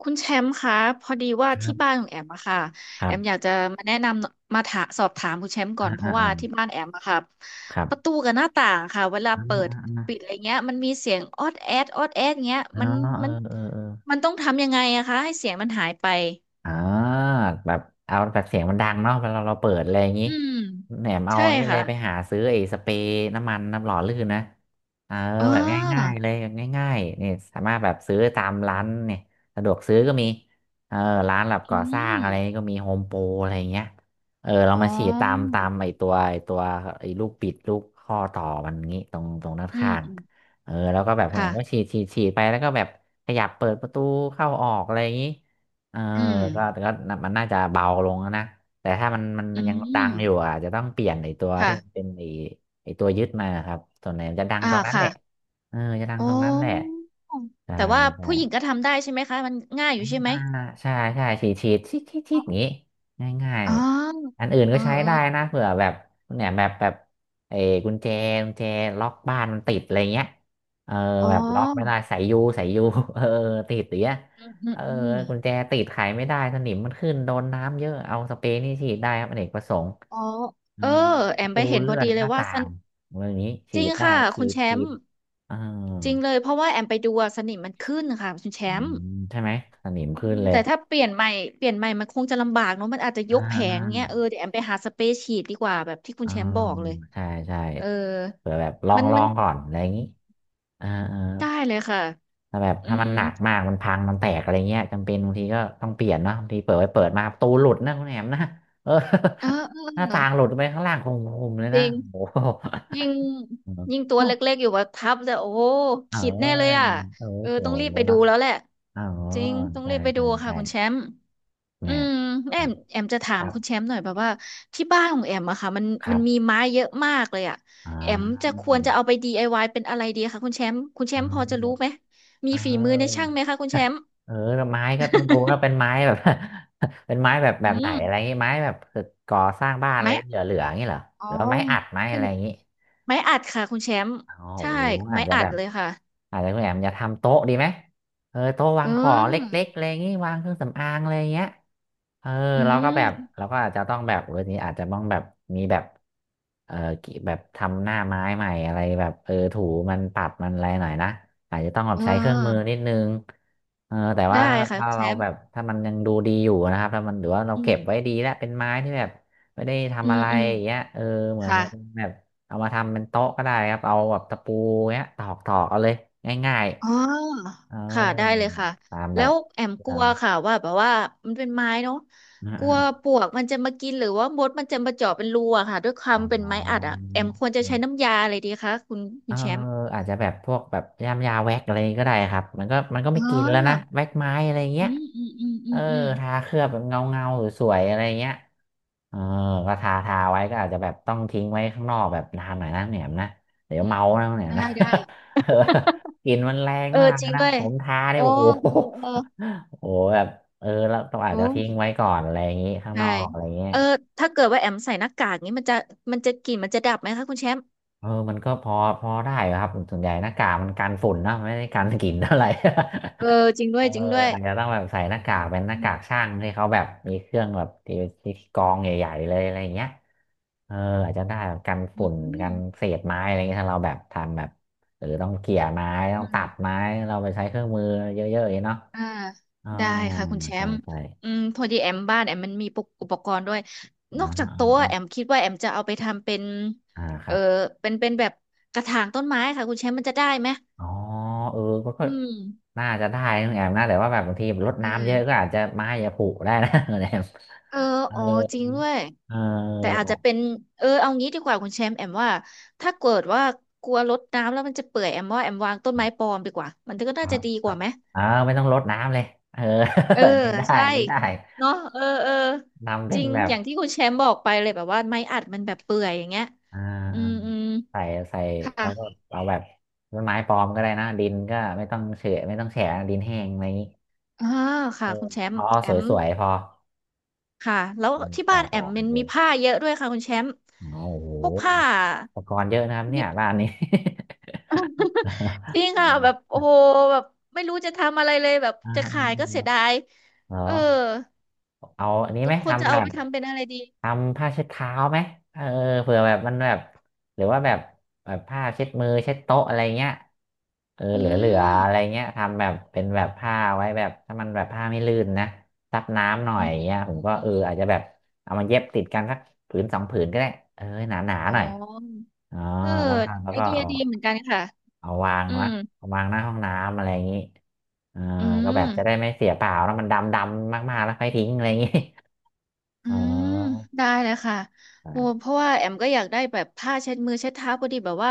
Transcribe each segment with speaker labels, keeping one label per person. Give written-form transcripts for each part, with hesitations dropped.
Speaker 1: คุณแชมป์คะพอดีว่า
Speaker 2: ครั
Speaker 1: ที่บ้าน
Speaker 2: บ
Speaker 1: ของแอมอะค่ะ
Speaker 2: ครั
Speaker 1: แอมอ
Speaker 2: บ
Speaker 1: ยากจะมาแนะนำมาถาสอบถามคุณแชมป์ก่
Speaker 2: อ่า
Speaker 1: อนเพ
Speaker 2: อ่า
Speaker 1: ราะ
Speaker 2: อ่า
Speaker 1: ว่าที่บ้านแอมอะค่ะ
Speaker 2: ครับ
Speaker 1: ประตูกับหน้าต่างค่ะเวลา
Speaker 2: อ่า
Speaker 1: เปิด
Speaker 2: อ่าอ่า
Speaker 1: ปิดอะไรเงี้ยมันมีเสียงออดแอดออดแอดเงี้ย
Speaker 2: อ๋อ
Speaker 1: มัน
Speaker 2: เออ
Speaker 1: มัน
Speaker 2: เออเออ
Speaker 1: มันต้องทำยังไงอะคะให้เสียงมันหายไป
Speaker 2: อ่าแบบเอาแบบเสียงมันดังเนาะเวลาเราเปิดอะไรอย่างงี้
Speaker 1: อืม
Speaker 2: แหนมเอา
Speaker 1: ใช่
Speaker 2: นี่เลยไป
Speaker 1: ค่ะ
Speaker 2: หาซื้อไอ้สเปรย์น้ำมันน้ำหล่อลื่นนะเออ
Speaker 1: อ๋อ
Speaker 2: แบบง่ายๆเลยแบบง่ายๆนี่สามารถแบบซื้อตามร้านเนี่ยสะดวกซื้อก็มีเออร้านแบบก่
Speaker 1: อื
Speaker 2: อสร้าง
Speaker 1: ม
Speaker 2: อะไรก็มีโฮมโปรอะไรอย่างเงี้ยเออเรา
Speaker 1: อ๋อ
Speaker 2: มาฉีดตามไอ้ตัวไอ้ลูกปิดลูกข้อต่อมันงี้ตรงด้าน
Speaker 1: อืม
Speaker 2: ข้าง
Speaker 1: อืม
Speaker 2: เออแล้วก็แบบคุณแอมก็
Speaker 1: ค่ะ
Speaker 2: ฉีดไปแล้วก็แบบขยับเปิดประตูเข้าออกอะไรอย่างงี้ เออ
Speaker 1: อืม
Speaker 2: ก็มันน่าจะเบาลงแล้วนะ แต่ถ้ามันมัน
Speaker 1: อื
Speaker 2: มันยังดัง
Speaker 1: ม
Speaker 2: อยู่อ่ะอาจจะต้องเปลี่ยนไอ้ตัวที่
Speaker 1: ค่ะ
Speaker 2: มันเป็นไอ้ตัวยึดมาครับ ส่วนไหนมันจะดัง
Speaker 1: อ่า
Speaker 2: ตรงนั้นแห
Speaker 1: ค่ะ
Speaker 2: ละเออจะดัง
Speaker 1: อ๋อ
Speaker 2: ตรงนั้นแหละใช่
Speaker 1: แต่ว่า
Speaker 2: ใช่
Speaker 1: ผู้หญิงก็ทำได้ใช่ไหมคะมันง่ายอยู่ใช่ไหม
Speaker 2: อ่าใช่ใช่ฉีดชิดชิดชิ
Speaker 1: อ๋
Speaker 2: ดอย่า
Speaker 1: อ
Speaker 2: งนี้ง่าย
Speaker 1: อ๋อ
Speaker 2: ๆอันอื่น
Speaker 1: เอ
Speaker 2: ก็
Speaker 1: อ
Speaker 2: ใช้
Speaker 1: เออ
Speaker 2: ได้นะเผื่อแบบเนี่ยแบบเออกุญแจกุญแจล็อกบ้านมันติดอะไรเงี้ยเออ
Speaker 1: อ๋อ
Speaker 2: แบบล็อกไม่ได้สายยูสายยู เออติดอย่างเงี้ย
Speaker 1: อืมอื
Speaker 2: เอ
Speaker 1: ม
Speaker 2: อ
Speaker 1: อืม
Speaker 2: กุญแจติดไขไม่ได้สนิมมันขึ้นโดนน้ำเยอะเอาสเปรย์นี่ฉีดได้ครับอเนกประสงค์
Speaker 1: อ๋อ
Speaker 2: อ่า
Speaker 1: เออแอ
Speaker 2: ประ
Speaker 1: มไป
Speaker 2: ตู
Speaker 1: เห็นพ
Speaker 2: เลื่
Speaker 1: อ
Speaker 2: อน
Speaker 1: ดี
Speaker 2: ห
Speaker 1: เลย
Speaker 2: น้า
Speaker 1: ว่า
Speaker 2: ต่า
Speaker 1: สน
Speaker 2: งอะไรอย่างนี้
Speaker 1: จ
Speaker 2: ฉี
Speaker 1: ริง
Speaker 2: ดได้
Speaker 1: ค่ะ
Speaker 2: ฉี
Speaker 1: คุณ
Speaker 2: ด
Speaker 1: แช
Speaker 2: ฉี
Speaker 1: ม
Speaker 2: ด
Speaker 1: ป์
Speaker 2: เออ
Speaker 1: จริงเลยเพราะว่าแอมไปดูอะสนิมมันขึ้นค่ะคุณแช
Speaker 2: อื
Speaker 1: มป์
Speaker 2: มใช่ไหมสนิม
Speaker 1: อื
Speaker 2: ขึ้น
Speaker 1: ม
Speaker 2: เลย
Speaker 1: แต่ถ้าเปลี่ยนใหม่เปลี่ยนใหม่มันคงจะลำบากเนอะมันอาจจะย
Speaker 2: อ่
Speaker 1: กแผงเงี้ยเออ
Speaker 2: า
Speaker 1: เดี๋ยวแอมไปหาสเปรย์ฉีดดีกว่าแบบที่คุณ
Speaker 2: อ่า
Speaker 1: แชมป์บอกเลย
Speaker 2: ใช่ใช่
Speaker 1: เออ
Speaker 2: เผื่อแบบลอ
Speaker 1: มั
Speaker 2: ง
Speaker 1: นมัน
Speaker 2: ก่อนอะไรอย่างนี้อ่าอ่า
Speaker 1: ได้เลยค่ะ
Speaker 2: ถ้าแบบ
Speaker 1: อื
Speaker 2: ถ้ามั
Speaker 1: ม
Speaker 2: นหนักมากมันพังมันแตกอะไรเงี้ยจำเป็นบางทีก็ต้องเปลี่ยนเนาะบางทีเปิดไว้เปิดมาประตูหลุดนะคุณแหนมนะเออ
Speaker 1: เออเออ
Speaker 2: หน้า
Speaker 1: เออ
Speaker 2: ต่างหลุดไปข้างล่างคงผมเลย
Speaker 1: จ
Speaker 2: นะ
Speaker 1: ริง
Speaker 2: โอ้โห
Speaker 1: ยิ่งยิ่งตัว เล็กๆอยู่ว่าทับแต่โอ้โห
Speaker 2: เ
Speaker 1: ขีดแน่เล
Speaker 2: อออ
Speaker 1: ยอ่ะ
Speaker 2: โอ้
Speaker 1: เออ
Speaker 2: โห
Speaker 1: ต้องรีบไปดู
Speaker 2: เนาะ
Speaker 1: แล้วแหละ
Speaker 2: อ๋อ
Speaker 1: จริงต้อง
Speaker 2: ใช่
Speaker 1: รีบไปดู
Speaker 2: ใช่
Speaker 1: ค่ะ
Speaker 2: ใช่
Speaker 1: คุณแชมป์อื
Speaker 2: เนี่ย
Speaker 1: มแอ
Speaker 2: ครั
Speaker 1: ม
Speaker 2: บ
Speaker 1: แอมจะถา
Speaker 2: ค
Speaker 1: ม
Speaker 2: รับ
Speaker 1: คุณแชมป์หน่อยแบบว่าที่บ้านของแอมอะค่ะมัน
Speaker 2: ค
Speaker 1: มั
Speaker 2: รั
Speaker 1: นมี
Speaker 2: บ
Speaker 1: ไม้เยอะมากเลยอ่ะ
Speaker 2: อ่า
Speaker 1: แอมจะควรจะเอาไป DIY เป็นอะไรดีคะคุณแชมป์คุณแช
Speaker 2: เออ
Speaker 1: มป์พอจะรู้ไหมมี
Speaker 2: เอ
Speaker 1: ฝีมือในช่า
Speaker 2: อ
Speaker 1: งไหมคะคุณแชมป์
Speaker 2: เออแล้วไม้ก็ต้องดูว่าเป็นไม้แบบ เป็นไม้แบบแบ
Speaker 1: อื
Speaker 2: บไหน
Speaker 1: ม
Speaker 2: อะไรงี้ไม้แบบก่อสร้างบ้านอะ
Speaker 1: ไม้
Speaker 2: ไรเหลือๆอย่างงี้เหรอ
Speaker 1: อ๋อ
Speaker 2: หรือว่าไม้อัดไม้
Speaker 1: เป็
Speaker 2: อะ
Speaker 1: น
Speaker 2: ไรอย่างงี้
Speaker 1: ไม้อัดค่ะคุณแชมป์
Speaker 2: โอ้
Speaker 1: ใช่
Speaker 2: โหอา
Speaker 1: ไม้
Speaker 2: จจะ
Speaker 1: อั
Speaker 2: แบ
Speaker 1: ด
Speaker 2: บ
Speaker 1: เลยค่ะ
Speaker 2: อาจจะคุณแอมจะทำโต๊ะดีไหมเออโต๊ะวา
Speaker 1: เอ
Speaker 2: งของเล็กๆ
Speaker 1: อ
Speaker 2: อะไรอย่างงี้วางเครื่องสำอางอะไรอย่างเงี้ยเออ
Speaker 1: อื
Speaker 2: เราก็แบ
Speaker 1: ม
Speaker 2: บเราก็อาจจะต้องแบบเรื่องนี้อาจจะต้องแบบมีแบบเออกิแบบทำหน้าไม้ใหม่อะไรแบบเออถูมันปรับมันอะไรหน่อยนะอาจจะต้องแบบ
Speaker 1: เอ
Speaker 2: ใช้เครื่องมือ
Speaker 1: อ
Speaker 2: นิดนึงเออแต่
Speaker 1: ได้
Speaker 2: ว่า
Speaker 1: ค่ะ
Speaker 2: ถ้า
Speaker 1: คุณแช
Speaker 2: เรา
Speaker 1: ม
Speaker 2: แบ
Speaker 1: ป์
Speaker 2: บถ้ามันยังดูดีอยู่นะครับถ้ามันหรือว่าเรา
Speaker 1: อื
Speaker 2: เก็บ
Speaker 1: ม
Speaker 2: ไว้ดีแล้วเป็นไม้ที่แบบไม่ได้
Speaker 1: อื
Speaker 2: ทำอะ
Speaker 1: ม
Speaker 2: ไร
Speaker 1: อืม
Speaker 2: อย่างเงี้ยเออเหมือน
Speaker 1: ค่ะ
Speaker 2: แบบ เอามาทำเป็นโต๊ะก็ได้ครับเอาแบบตะปูเนี้ยตอกเอาเลยง่าย
Speaker 1: อ๋อ
Speaker 2: ๆเออ
Speaker 1: ค่ะได้เลยค่ะ
Speaker 2: ตามแบ
Speaker 1: แล้
Speaker 2: บ
Speaker 1: ว แอม
Speaker 2: ที่
Speaker 1: กลั
Speaker 2: เรา
Speaker 1: วค่ะว่าแบบว่ามันเป็นไม้เนาะ
Speaker 2: อ่
Speaker 1: กลัวป
Speaker 2: า
Speaker 1: ลวกมันจะมากินหรือว่ามดมันจะมาเจาะเป็นรูอะค่ะด้วยค
Speaker 2: ๆ
Speaker 1: วาม
Speaker 2: อ๋อ
Speaker 1: เป็นไม้อัดอะแอมควรจะใช้น้ำยาอะไรดีคะคุณคุ
Speaker 2: เออ
Speaker 1: ณแชมป์
Speaker 2: อาจจะแบบพวกแบบยามยาแว็กอะไรก็ได้ครับมันก็ไม่
Speaker 1: อ๋
Speaker 2: กินแล้วนะ
Speaker 1: อ
Speaker 2: แว็กไม้อะไรเงี้ย
Speaker 1: อืมอืมอืมอื
Speaker 2: เออ
Speaker 1: มอืม
Speaker 2: ทาเคลือบแบบเงาเงาสวยๆอะไรเงี้ย เออก็ทาไว้ก็อาจจะแบบต้องทิ้งไว้ข้างนอกแบบนานหน่อยนะแหนมนะเดี๋ยว
Speaker 1: อื
Speaker 2: เมา
Speaker 1: ม
Speaker 2: นะแหนม
Speaker 1: ได้
Speaker 2: นะ
Speaker 1: ได้
Speaker 2: เออกลิ่นมันแรง
Speaker 1: เออ
Speaker 2: มาก
Speaker 1: จริง
Speaker 2: นะ
Speaker 1: ด้วย
Speaker 2: ผมทาเนี่
Speaker 1: โอ้
Speaker 2: ยโอ้โห
Speaker 1: เออเออ
Speaker 2: โอ้โหแบบเออแล้วต้องอาจ
Speaker 1: โอ้
Speaker 2: จะทิ้งไว้ก่อนอะไรอย่างงี้ข้าง
Speaker 1: ใช่
Speaker 2: นอกอะไรเงี้ย
Speaker 1: เออถ้าเกิดว่าแอมใส่หน้ากากนี้มันจะมันจะกลิ่นมันจะดับไหมคะคุณแชมป์
Speaker 2: เออมันก็พอได้ครับส่วนใหญ่หน้ากากมันกันฝุ่นนะไม่ได้กันกลิ่นเท่าไหร่
Speaker 1: เออจริงด้
Speaker 2: เอ
Speaker 1: วย
Speaker 2: อ
Speaker 1: จริงด้วย
Speaker 2: อาจจะต้องแบบใส่หน้ากากเป็นหน้า
Speaker 1: อื
Speaker 2: กาก
Speaker 1: ม
Speaker 2: ช่างที่เขาแบบมีเครื่องแบบที่ที่กรองใหญ่ๆเลยอะไรอย่างเงี้ยเอออาจจะได้แบบกัน
Speaker 1: อื
Speaker 2: ฝุ่นกั
Speaker 1: ม
Speaker 2: นเศษไม้อะไรเงี้ยถ้าเราแบบทำแบบหรือต้องเกี่ยไม้ต้
Speaker 1: อื
Speaker 2: องตัด
Speaker 1: ม
Speaker 2: ไม้เราไปใช้เครื่องมือเยอะๆอย่างเงี้ยเนาะ
Speaker 1: อ่า
Speaker 2: อ๋อ
Speaker 1: ได้ค่ะคุณแช
Speaker 2: ใช่
Speaker 1: มป์
Speaker 2: ใช่
Speaker 1: อืมพอดีแอมบ้านแอมมันมีปุกอุปกรณ์ด้วยนอก
Speaker 2: นะ
Speaker 1: จากโต๊ะแอมคิดว่าแอมจะเอาไปทำเป็น
Speaker 2: อ่าค
Speaker 1: เอ
Speaker 2: รั
Speaker 1: อ
Speaker 2: บ
Speaker 1: เป็นเป็นแบบกระถางต้นไม้ค่ะคุณแชมป์มันจะได้ไหม
Speaker 2: อ๋อเออก็
Speaker 1: อืม
Speaker 2: น่าจะได้นะแอมนะแต่ว่าแบบบางทีรด
Speaker 1: เอื
Speaker 2: น้ำเยอะก็อาจจะไม้จะผุได้นะ แอม
Speaker 1: เอออ๋อจริงด้วย
Speaker 2: เ
Speaker 1: แต่อา
Speaker 2: ออ
Speaker 1: จจะเป็นเออเอางี้ดีกว่าคุณแชมป์แอมว่าถ้าเกิดว่ากลัวรดน้ำแล้วมันจะเปื่อยแอมว่าแอมวางต้นไม้ปลอมดีกว่ามันก็
Speaker 2: อ๋
Speaker 1: น่า
Speaker 2: อ
Speaker 1: จะดีกว่าไหม
Speaker 2: เออไม่ต้องรดน้ำเลยเออ
Speaker 1: เออ
Speaker 2: นี่ได้
Speaker 1: ใช่
Speaker 2: นี่ได้
Speaker 1: เนาะเออเออ
Speaker 2: ทำ
Speaker 1: จ
Speaker 2: เป็น
Speaker 1: ริง
Speaker 2: แบบ
Speaker 1: อย่างที่คุณแชมป์บอกไปเลยแบบว่าไม้อัดมันแบบเปื่อยอย่างเงี้ย
Speaker 2: อ่
Speaker 1: อืม
Speaker 2: า
Speaker 1: อืม
Speaker 2: ใส่ใส่
Speaker 1: ค่ะ
Speaker 2: แล้วก็เอาแบบต้นไม้ปลอมก็ได้นะดินก็ไม่ต้องเฉะไม่ต้องแฉะดินแห้งอะไรอย่างนี้
Speaker 1: อ่า
Speaker 2: เอ
Speaker 1: ค่ะ
Speaker 2: อ
Speaker 1: คุณแช
Speaker 2: พ
Speaker 1: มป์
Speaker 2: อ
Speaker 1: แอ
Speaker 2: ส
Speaker 1: ม
Speaker 2: วยๆพอ
Speaker 1: ค่ะแล้ว
Speaker 2: อืม
Speaker 1: ที่
Speaker 2: ต่
Speaker 1: บ้า
Speaker 2: อ
Speaker 1: น
Speaker 2: พ
Speaker 1: แอ
Speaker 2: อ
Speaker 1: ม
Speaker 2: กั
Speaker 1: มั
Speaker 2: น
Speaker 1: น
Speaker 2: เอ
Speaker 1: มี
Speaker 2: ง
Speaker 1: ผ้าเยอะด้วยค่ะคุณแชมป์
Speaker 2: อ๋อโอ้โห
Speaker 1: พวกผ้า
Speaker 2: อุปกรณ์เยอะนะครับเนี่ยบ้านนี้
Speaker 1: จริง อ่ะแบบ
Speaker 2: อ่า
Speaker 1: โอ้โหแบบไม่รู้จะทำอะไรเลยแบบ
Speaker 2: อ่า
Speaker 1: จะ
Speaker 2: อ
Speaker 1: ขายก็เสีย
Speaker 2: ่า
Speaker 1: ดาย
Speaker 2: เหรอ
Speaker 1: เออ
Speaker 2: เอาอันนี้
Speaker 1: ทุ
Speaker 2: ไหม
Speaker 1: กคนจะ
Speaker 2: ทำแบ
Speaker 1: เอา
Speaker 2: บ
Speaker 1: ไปทำเป็นอะไรดี
Speaker 2: ทำผ้าเช็ดเท้าไหมเออเผื่อแบบมันแบบหรือว่าแบบแบบผ้าเช็ดมือเช็ดโต๊ะอะไรเงี้ยเออ
Speaker 1: อื
Speaker 2: เหลือ
Speaker 1: ม
Speaker 2: อะไรเงี้ยทำแบบเป็นแบบผ้าไว้แบบถ้ามันแบบผ้าไม่ลื่นนะซับน้ำหน่อ
Speaker 1: อื
Speaker 2: ย
Speaker 1: มอืม
Speaker 2: เงี้ย
Speaker 1: อื
Speaker 2: ผม
Speaker 1: ม
Speaker 2: ก็
Speaker 1: อ
Speaker 2: เอออา
Speaker 1: ม
Speaker 2: จจะแบบเอามาเย็บติดกันสักผืนสองผืนก็ได้เออหนา
Speaker 1: อ๋
Speaker 2: ห
Speaker 1: อ
Speaker 2: น่อยอ๋อ
Speaker 1: เออ
Speaker 2: แล้วก็แล้ว
Speaker 1: ไอ
Speaker 2: ก็
Speaker 1: เดีย
Speaker 2: เอา
Speaker 1: ดีเหมือนกันค่ะ
Speaker 2: เอาวาง
Speaker 1: อื
Speaker 2: นะ
Speaker 1: ม
Speaker 2: เอาวางหน้าห้องน้ำอะไรอย่างงี้เออ
Speaker 1: อื
Speaker 2: ก็แบ
Speaker 1: ม
Speaker 2: บจะได้ไม่เสียเปล่าแล้วมันดำมากๆแล้วค่อยทิ้งอะไรอย่างงี้
Speaker 1: อื
Speaker 2: อ๋อ
Speaker 1: มได้เลยค่ะโอ้เพ
Speaker 2: อ่า
Speaker 1: ราะว่าแอมก็อยากได้แบบผ้าเช็ดมือเช็ดเท้าพอดีแบบว่า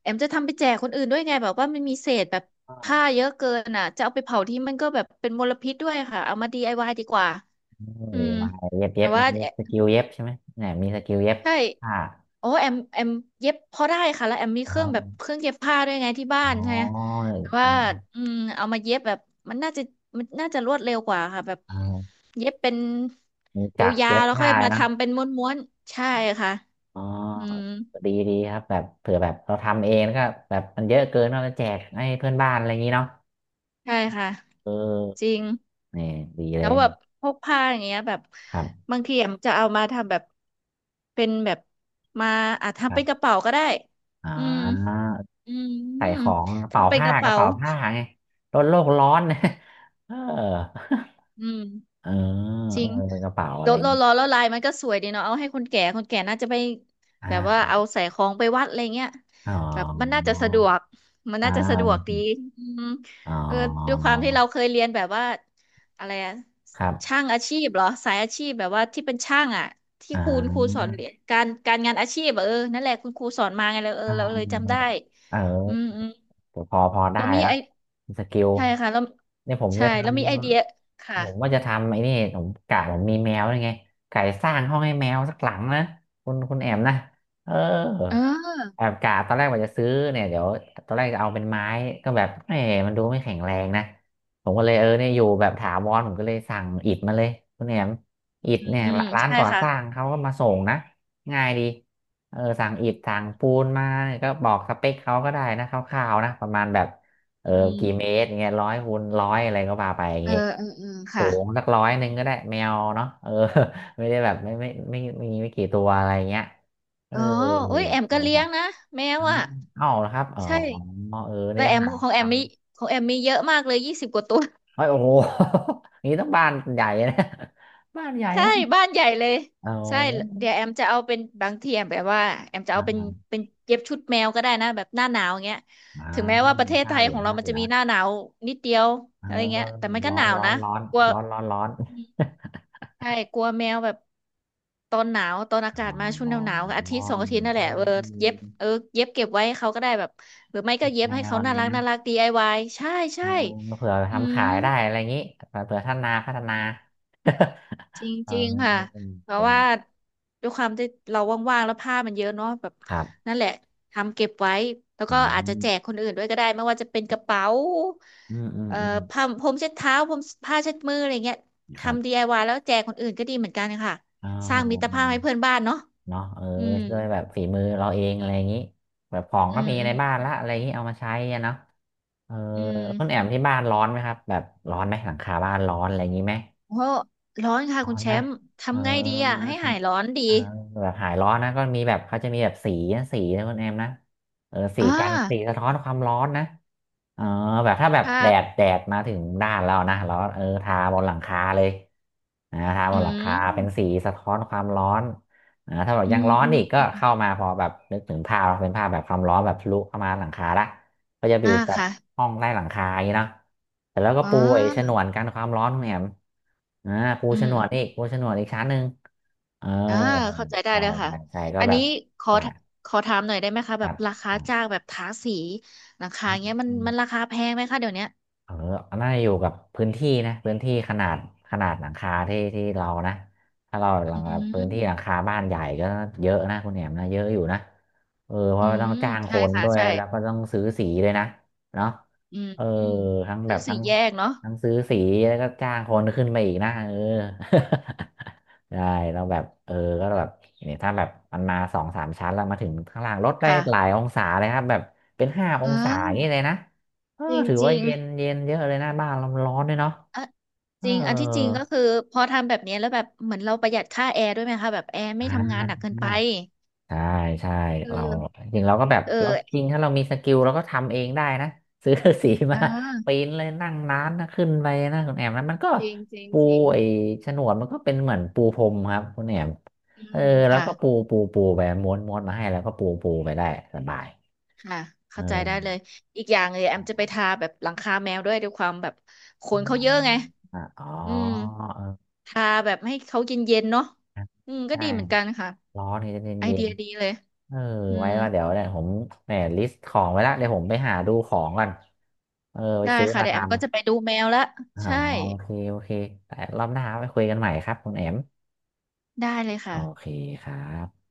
Speaker 1: แอมจะทำไปแจกคนอื่นด้วยไงแบบว่ามันมีเศษแบบผ้าเยอะเกินอ่ะจะเอาไปเผาที่มันก็แบบเป็นมลพิษด้วยค่ะเอามาดีไอวายดีกว่า อื
Speaker 2: หรือ
Speaker 1: ม
Speaker 2: มาเย็บเย็
Speaker 1: แต่
Speaker 2: บ
Speaker 1: ว่า
Speaker 2: มันมี
Speaker 1: แอ
Speaker 2: สกิลเย็บใช่ไหมเนี่ยมีสกิลเย็บ
Speaker 1: ใช่
Speaker 2: ผ้า
Speaker 1: โอ้แอมเย็บพอได้ค่ะแล้วแอมมี
Speaker 2: อ๋
Speaker 1: เค
Speaker 2: อ
Speaker 1: รื่องแบบเครื่องเย็บผ้าด้วยไงที่บ้า
Speaker 2: อ๋
Speaker 1: นใช่ไหม
Speaker 2: อ
Speaker 1: แต่
Speaker 2: ค
Speaker 1: ว่า
Speaker 2: น
Speaker 1: อืมเอามาเย็บแบบมันน่าจะมันน่าจะรวดเร็วกว่าค่ะแบบ
Speaker 2: อ๋อ
Speaker 1: เย็บเป็น
Speaker 2: มีจักร
Speaker 1: ยา
Speaker 2: เย็
Speaker 1: ว
Speaker 2: บ
Speaker 1: ๆแล้วค่อ
Speaker 2: ผ้า
Speaker 1: ยมา
Speaker 2: นะ
Speaker 1: ทำเป็นม้วนๆใช่ค่ะ
Speaker 2: อ๋
Speaker 1: อืม
Speaker 2: อดีครับแบบเผื่อแบบเราทำเองแล้วก็แบบมันเยอะเกินเราจะแจกให้เพื่อนบ้านอะไรอย่างนี้เนาะ
Speaker 1: ใช่ค่ะ
Speaker 2: เอ
Speaker 1: จ
Speaker 2: อ
Speaker 1: ริง
Speaker 2: นี่ดีเล
Speaker 1: แล้ว
Speaker 2: ย
Speaker 1: แบบพวกผ้าอย่างเงี้ยแบบ
Speaker 2: ครับ
Speaker 1: บางทีแอมจะเอามาทำแบบเป็นแบบมาอาจ
Speaker 2: ค
Speaker 1: ทำ
Speaker 2: รั
Speaker 1: เป็นก
Speaker 2: บ
Speaker 1: ระเป๋าก็ได้
Speaker 2: อ๋
Speaker 1: อืม
Speaker 2: อ
Speaker 1: อืม
Speaker 2: ใส่ของกระเป๋า
Speaker 1: ทำเป็น
Speaker 2: ผ้า
Speaker 1: กระ
Speaker 2: กระ
Speaker 1: เป๋า
Speaker 2: เป๋าผ้าไงลดโลกร้อน เออ
Speaker 1: อืม
Speaker 2: เออ
Speaker 1: จ
Speaker 2: เอ
Speaker 1: ริ
Speaker 2: อ
Speaker 1: ง
Speaker 2: กระเป๋าอะ
Speaker 1: แล้
Speaker 2: ไร
Speaker 1: ว
Speaker 2: อย่า
Speaker 1: ล
Speaker 2: ง
Speaker 1: ว
Speaker 2: งี้
Speaker 1: ล้แล้วลายมันก็สวยดีเนาะเอาให้คนแก่คนแก่น่าจะไปแบบว่า
Speaker 2: อ่า
Speaker 1: เอาใส่ของไปวัดอะไรเงี้ย
Speaker 2: อ๋อ
Speaker 1: แบบมันน่าจะสะดวกมัน
Speaker 2: อ่
Speaker 1: น่าจะสะดวก
Speaker 2: า
Speaker 1: ดีอืม
Speaker 2: อ๋อ
Speaker 1: เออด้วยความที่เราเคยเรียนแบบว่าอะไรอะ
Speaker 2: ครับ
Speaker 1: ช่างอาชีพเหรอสายอาชีพแบบว่าที่เป็นช่างอะที่
Speaker 2: อ่
Speaker 1: ครูสอ
Speaker 2: า
Speaker 1: นเรียนการการงานอาชีพอะเออนั่นแหละคุณครูสอนมาไงเลยเออ
Speaker 2: อ่
Speaker 1: เราเลยจำ
Speaker 2: า
Speaker 1: ได้
Speaker 2: เออ
Speaker 1: อืมอืม
Speaker 2: แต่พอได้
Speaker 1: แล้วมี
Speaker 2: ละ
Speaker 1: ไอ
Speaker 2: สกิล
Speaker 1: ใช่ค่ะแล้ว
Speaker 2: เนี่ยผม
Speaker 1: ใช่
Speaker 2: จะท
Speaker 1: แล้วมีไอเดียค่ะ
Speaker 2: ำผมว่าจะทำไอ้นี่ผมกะผมมีแมวยังไงไก่สร้างห้องให้แมวสักหลังนะคุณแอมนะเออ
Speaker 1: เออ
Speaker 2: แอบกะตอนแรกว่าจะซื้อเนี่ยเดี๋ยวตอนแรกจะเอาเป็นไม้ก็แบบเออมันดูไม่แข็งแรงนะผมก็เลยเออเนี่ยอยู่แบบถาวรผมก็เลยสั่งอิฐมาเลยคุณแอมอิฐ
Speaker 1: อื
Speaker 2: เนี่ย
Speaker 1: ม
Speaker 2: ร้าน
Speaker 1: ใช่
Speaker 2: ก่อ
Speaker 1: ค่ะ
Speaker 2: สร้างเขาก็มาส่งนะง่ายดี เออสั่งอิฐสั่งปูนมาเนี่ยก็บอกสเปคเขาก็ได้นะคร่าวๆนะประมาณแบบเออ
Speaker 1: อื
Speaker 2: กี่เม
Speaker 1: ม
Speaker 2: ตรเงี้ยร้อยคูณร้อยอะไรก็ว่าไปอย่าง
Speaker 1: เออ
Speaker 2: งี้
Speaker 1: เออเออ
Speaker 2: สู
Speaker 1: ค่ะ
Speaker 2: งสักร้อยหนึ่งก็ได้แมวเนาะเออ ไม่ได้แบบไม่มีไม่กี่ตัวอะไรเงี้ยเออ
Speaker 1: อ๋ออุ้ยแอม
Speaker 2: ใช่
Speaker 1: ก็เลี้
Speaker 2: ค
Speaker 1: ย
Speaker 2: รับ
Speaker 1: งนะแมว
Speaker 2: อ้า
Speaker 1: อ่ะ
Speaker 2: วเอาเหรอครับอ๋อ
Speaker 1: ใช่
Speaker 2: เออนี่
Speaker 1: แต่
Speaker 2: จะ
Speaker 1: แอม
Speaker 2: หา
Speaker 1: ของ
Speaker 2: ท
Speaker 1: แอมมีของแอมมีเยอะมากเลยยี่สิบกว่าตัว
Speaker 2: ำเฮ้ยโอ้โห อย่างนี้ต้องบ้านใหญ่นะ บ้านใหญ่
Speaker 1: ใช่
Speaker 2: นะ
Speaker 1: บ้านใหญ่เลย
Speaker 2: เอา
Speaker 1: ใช่เดี๋ยวแอมจะเอาเป็นบางทีแอมแบบว่าแอมจะ
Speaker 2: อ
Speaker 1: เอาเป็น
Speaker 2: ่า
Speaker 1: เป็นเย็บชุดแมวก็ได้นะแบบหน้าหนาวอย่างเงี้ย
Speaker 2: อ่า
Speaker 1: ถึงแม้ว่าประเทศ
Speaker 2: ผ้า
Speaker 1: ไทย
Speaker 2: เหลื
Speaker 1: ข
Speaker 2: อ
Speaker 1: อ
Speaker 2: ง
Speaker 1: งเรา
Speaker 2: ผ้า
Speaker 1: มั
Speaker 2: เห
Speaker 1: น
Speaker 2: ลื
Speaker 1: จะ
Speaker 2: อ
Speaker 1: มี
Speaker 2: ง
Speaker 1: หน้าหนาวนิดเดียว
Speaker 2: เออ
Speaker 1: อะไรเงี้ยแต่มันก็
Speaker 2: ร้
Speaker 1: ห
Speaker 2: อน
Speaker 1: นาว
Speaker 2: ร้อ
Speaker 1: นะ
Speaker 2: นร้อน
Speaker 1: กลัว
Speaker 2: ร้อนร้อนร้อน
Speaker 1: ใช่กลัวแมวแบบตอนหนาว ตอนอา
Speaker 2: อ
Speaker 1: กาศมาช่วงห
Speaker 2: ๋
Speaker 1: นาว
Speaker 2: อ
Speaker 1: หนาวอาทิตย์สองอาทิตย์นั่นแห
Speaker 2: เอ
Speaker 1: ละเอ
Speaker 2: อ
Speaker 1: อ
Speaker 2: เอื
Speaker 1: เย็บเออเย็บเก็บไว้ให้เขาก็ได้แบบหรือไม่ก็เย็บ
Speaker 2: แน
Speaker 1: ให้
Speaker 2: ว
Speaker 1: เขา
Speaker 2: อะไร
Speaker 1: น่ารัก
Speaker 2: เงี้ย
Speaker 1: น่ารัก DIY ใช่
Speaker 2: เอ
Speaker 1: ใช่
Speaker 2: อเผื่อ
Speaker 1: อื
Speaker 2: ทำ
Speaker 1: ม
Speaker 2: ขายได้อะไรอย่างนี้เผื่อพัฒนาพัฒนา
Speaker 1: จ
Speaker 2: เออ
Speaker 1: ริงๆค่ะเพราะว่าด้วยความที่เราว่างๆแล้วผ้ามันเยอะเนาะแบบ
Speaker 2: ครับ
Speaker 1: นั่นแหละทำเก็บไว้แล้ว
Speaker 2: อื
Speaker 1: ก็อาจจะแจ
Speaker 2: ม
Speaker 1: กคนอื่นด้วยก็ได้ไม่ว่าจะเป็นกระเป๋า
Speaker 2: อืมอืม
Speaker 1: เอ่อ
Speaker 2: อืม
Speaker 1: ผ้าพรมเช็ดเท้าพรมผ้าเช็ดมืออะไรเงี้ย
Speaker 2: ครั
Speaker 1: ทำดี
Speaker 2: บ
Speaker 1: ไอว i y แล้วแจกคนอื่นก็ดีเหมือนกันค่ะ
Speaker 2: อ๋อ
Speaker 1: สร้างมิตรภาพให้เพื่อนบ้านเนาะ
Speaker 2: เนาะเออ
Speaker 1: อืม
Speaker 2: ด้วยแบบฝีมือเราเองอะไรอย่างนี้แบบของ
Speaker 1: อื
Speaker 2: ก็
Speaker 1: ม
Speaker 2: มี
Speaker 1: อื
Speaker 2: ใน
Speaker 1: ม
Speaker 2: บ้านละอะไรอย่างนี้เอามาใช้อะเนาะเออ
Speaker 1: อื
Speaker 2: แล้วคุณแอ
Speaker 1: ม
Speaker 2: มที่บ้านร้อนไหมครับแบบร้อนไหมหลังคาบ้านร้อนอะไรอย่างนี้ไหม
Speaker 1: โอ้ร้อนค่ะ
Speaker 2: ร้อ
Speaker 1: คุณ
Speaker 2: น
Speaker 1: แช
Speaker 2: นะ
Speaker 1: มป์
Speaker 2: เออ
Speaker 1: ทำไงดีอ่ะให้
Speaker 2: ท
Speaker 1: หายร้อนดี
Speaker 2: ำเออแบบหายร้อนนะก็มีแบบเขาจะมีแบบสีนะสีนะคุณแอมนะเออสี
Speaker 1: อ่า
Speaker 2: กันสีสะท้อนความร้อนนะ อ๋อแบบถ้าแบบ
Speaker 1: ค้า
Speaker 2: แดดมาถึงด้านเรานะแล้วเออทาบนหลังคาเลยนะทาบ
Speaker 1: อื
Speaker 2: นหลังคาเป็นสี
Speaker 1: ม
Speaker 2: สะท้อนความร้อนนะถ้าแบบ
Speaker 1: อื
Speaker 2: ยัง
Speaker 1: ม
Speaker 2: ร้อน
Speaker 1: อื
Speaker 2: อีกก็
Speaker 1: ม
Speaker 2: เข้ามาพอแบบนึกถึงภาพเป็นภาพแบบความร้อนแบบทะลุเข้ามาหลังคาละก็จะอ
Speaker 1: อ่า
Speaker 2: ยู่แบบ
Speaker 1: ค่ะ
Speaker 2: ห้องใต้หลังคาอย่างนี้เนาะแต่แล้วก็
Speaker 1: อ๋อ
Speaker 2: ปูไอ้ฉนวนกันความร้อนของแหม่มอ่าปู
Speaker 1: อื
Speaker 2: ฉ
Speaker 1: ม
Speaker 2: นวนอีก
Speaker 1: อ
Speaker 2: ปูฉนวนอีกชั้นหนึ่งเอ
Speaker 1: ม
Speaker 2: อ
Speaker 1: อ่าเข้าใจได้
Speaker 2: ใช่
Speaker 1: เลยค่ะ
Speaker 2: ใช่ใช่ก็
Speaker 1: อัน
Speaker 2: แบ
Speaker 1: นี้
Speaker 2: บ
Speaker 1: ขอ
Speaker 2: ละ
Speaker 1: ขอถามหน่อยได้ไหมคะ
Speaker 2: ค
Speaker 1: แบ
Speaker 2: รั
Speaker 1: บ
Speaker 2: บ
Speaker 1: รา
Speaker 2: ค
Speaker 1: คา
Speaker 2: รั
Speaker 1: จ้าง
Speaker 2: บ
Speaker 1: แบบทาสีหลังคาเงี้ยมันมันราคาแพงไหมคะเดี๋ยวเนี้ย
Speaker 2: เออน่าจะอยู่กับพื้นที่นะพื้นที่ขนาดขนาดหลังคาที่เรานะถ้าเราหลั
Speaker 1: อื
Speaker 2: งพื้นที่หลัง
Speaker 1: ม
Speaker 2: คาบ้านใหญ่ก็เยอะนะคุณแหนมนะเยอะอยู่นะเออเพ
Speaker 1: อื
Speaker 2: ราะว่าต้อง
Speaker 1: ม
Speaker 2: จ้างค
Speaker 1: ใช่
Speaker 2: น
Speaker 1: ค่ะ
Speaker 2: ด้วย
Speaker 1: ใช่
Speaker 2: แล้วก็ต้องซื้อสีเลยนะเนาะ
Speaker 1: อืม
Speaker 2: เออ
Speaker 1: อืม
Speaker 2: ทั้งแบ
Speaker 1: ซื้อ
Speaker 2: บ
Speaker 1: สี
Speaker 2: ทั้ง
Speaker 1: แยกเนาะ
Speaker 2: ทั้งซื้อสีแล้วก็จ้างคนขึ้นไปอีกนะเออ ได้เราแบบเออก็แบบเนี่ยถ้าแบบมันมาสองสามชั้นแล้วมาถึงข้างล่างลดได้หลาย
Speaker 1: ค่ะ
Speaker 2: องศาเลยครับแบบเป็นห้าอ
Speaker 1: อ
Speaker 2: งศาอย่าง
Speaker 1: ่า
Speaker 2: นี้เลยนะ เออ
Speaker 1: จริง
Speaker 2: ถือ
Speaker 1: จ
Speaker 2: ว่า
Speaker 1: ริง
Speaker 2: เย็นเยอะเลยนะบ้านเรามันร้อนด้วยเนาะ
Speaker 1: อ่ะ
Speaker 2: เอ
Speaker 1: จ
Speaker 2: อ
Speaker 1: ริงอันที่จริงก็คือพอทำแบบเนี้ยแล้วแบบเหมือนเราประหยัดค่าแอร์ด้วยไหมคะแบบแอร์ไม่
Speaker 2: อ่า
Speaker 1: ทำงานหนักเกินไป
Speaker 2: ใช่ใช่
Speaker 1: เ
Speaker 2: เรา
Speaker 1: ออ
Speaker 2: จริงเราก็แบบ
Speaker 1: เออ
Speaker 2: เราจริงถ้าเรามีสกิลเราก็ทำเองได้นะ ซื้อ สี
Speaker 1: เอ
Speaker 2: มาปี
Speaker 1: อ
Speaker 2: นเลยนั่งร้านนะขึ้นไปนะคุณแอมนะมันก็
Speaker 1: จริงจริง
Speaker 2: ปู
Speaker 1: จริง
Speaker 2: ไอ้ฉนวนมันก็เป็นเหมือนปูพรมครับคุณแอม
Speaker 1: อื
Speaker 2: เออ
Speaker 1: ม
Speaker 2: แล้ว
Speaker 1: ค่ะ
Speaker 2: ก็ปูไปม้วนมาให้แล้วก็ปูไปได้สบาย
Speaker 1: ค่ะ
Speaker 2: เอ
Speaker 1: เข้าใจได้เล
Speaker 2: อ
Speaker 1: ยอีกอย่างเลยแอมจะไปทาแบบหลังคาแมวด้วยด้วยความแบบขนเขาเยอะไง
Speaker 2: อ่าอ๋อ
Speaker 1: อืม
Speaker 2: เออ
Speaker 1: ทาแบบให้เขาเย็นๆเนาะอืมก็
Speaker 2: ใช่
Speaker 1: ดีเหมือนกันค่ะ
Speaker 2: ร้อนนี่จะเย็น
Speaker 1: ไอ
Speaker 2: เย็
Speaker 1: เดี
Speaker 2: น
Speaker 1: ยดีเลย
Speaker 2: เออ
Speaker 1: อื
Speaker 2: ไว้
Speaker 1: ม
Speaker 2: ว่าเดี๋ยวเนี่ยผมแหมลิสต์ของไว้ละเดี๋ยวผมไปหาดูของก่อนเออไป
Speaker 1: ได้
Speaker 2: ซื้อ
Speaker 1: ค่ะ
Speaker 2: มา
Speaker 1: เดี๋ย
Speaker 2: ท
Speaker 1: วแอมก็จะไปดูแมวละ
Speaker 2: ำอ๋อ
Speaker 1: ใช่
Speaker 2: โอเคโอเคแต่รอบหน้าไปคุยกันใหม่ครับคุณแอม
Speaker 1: ได้เลย
Speaker 2: โอ
Speaker 1: ค่ะ
Speaker 2: เคครับ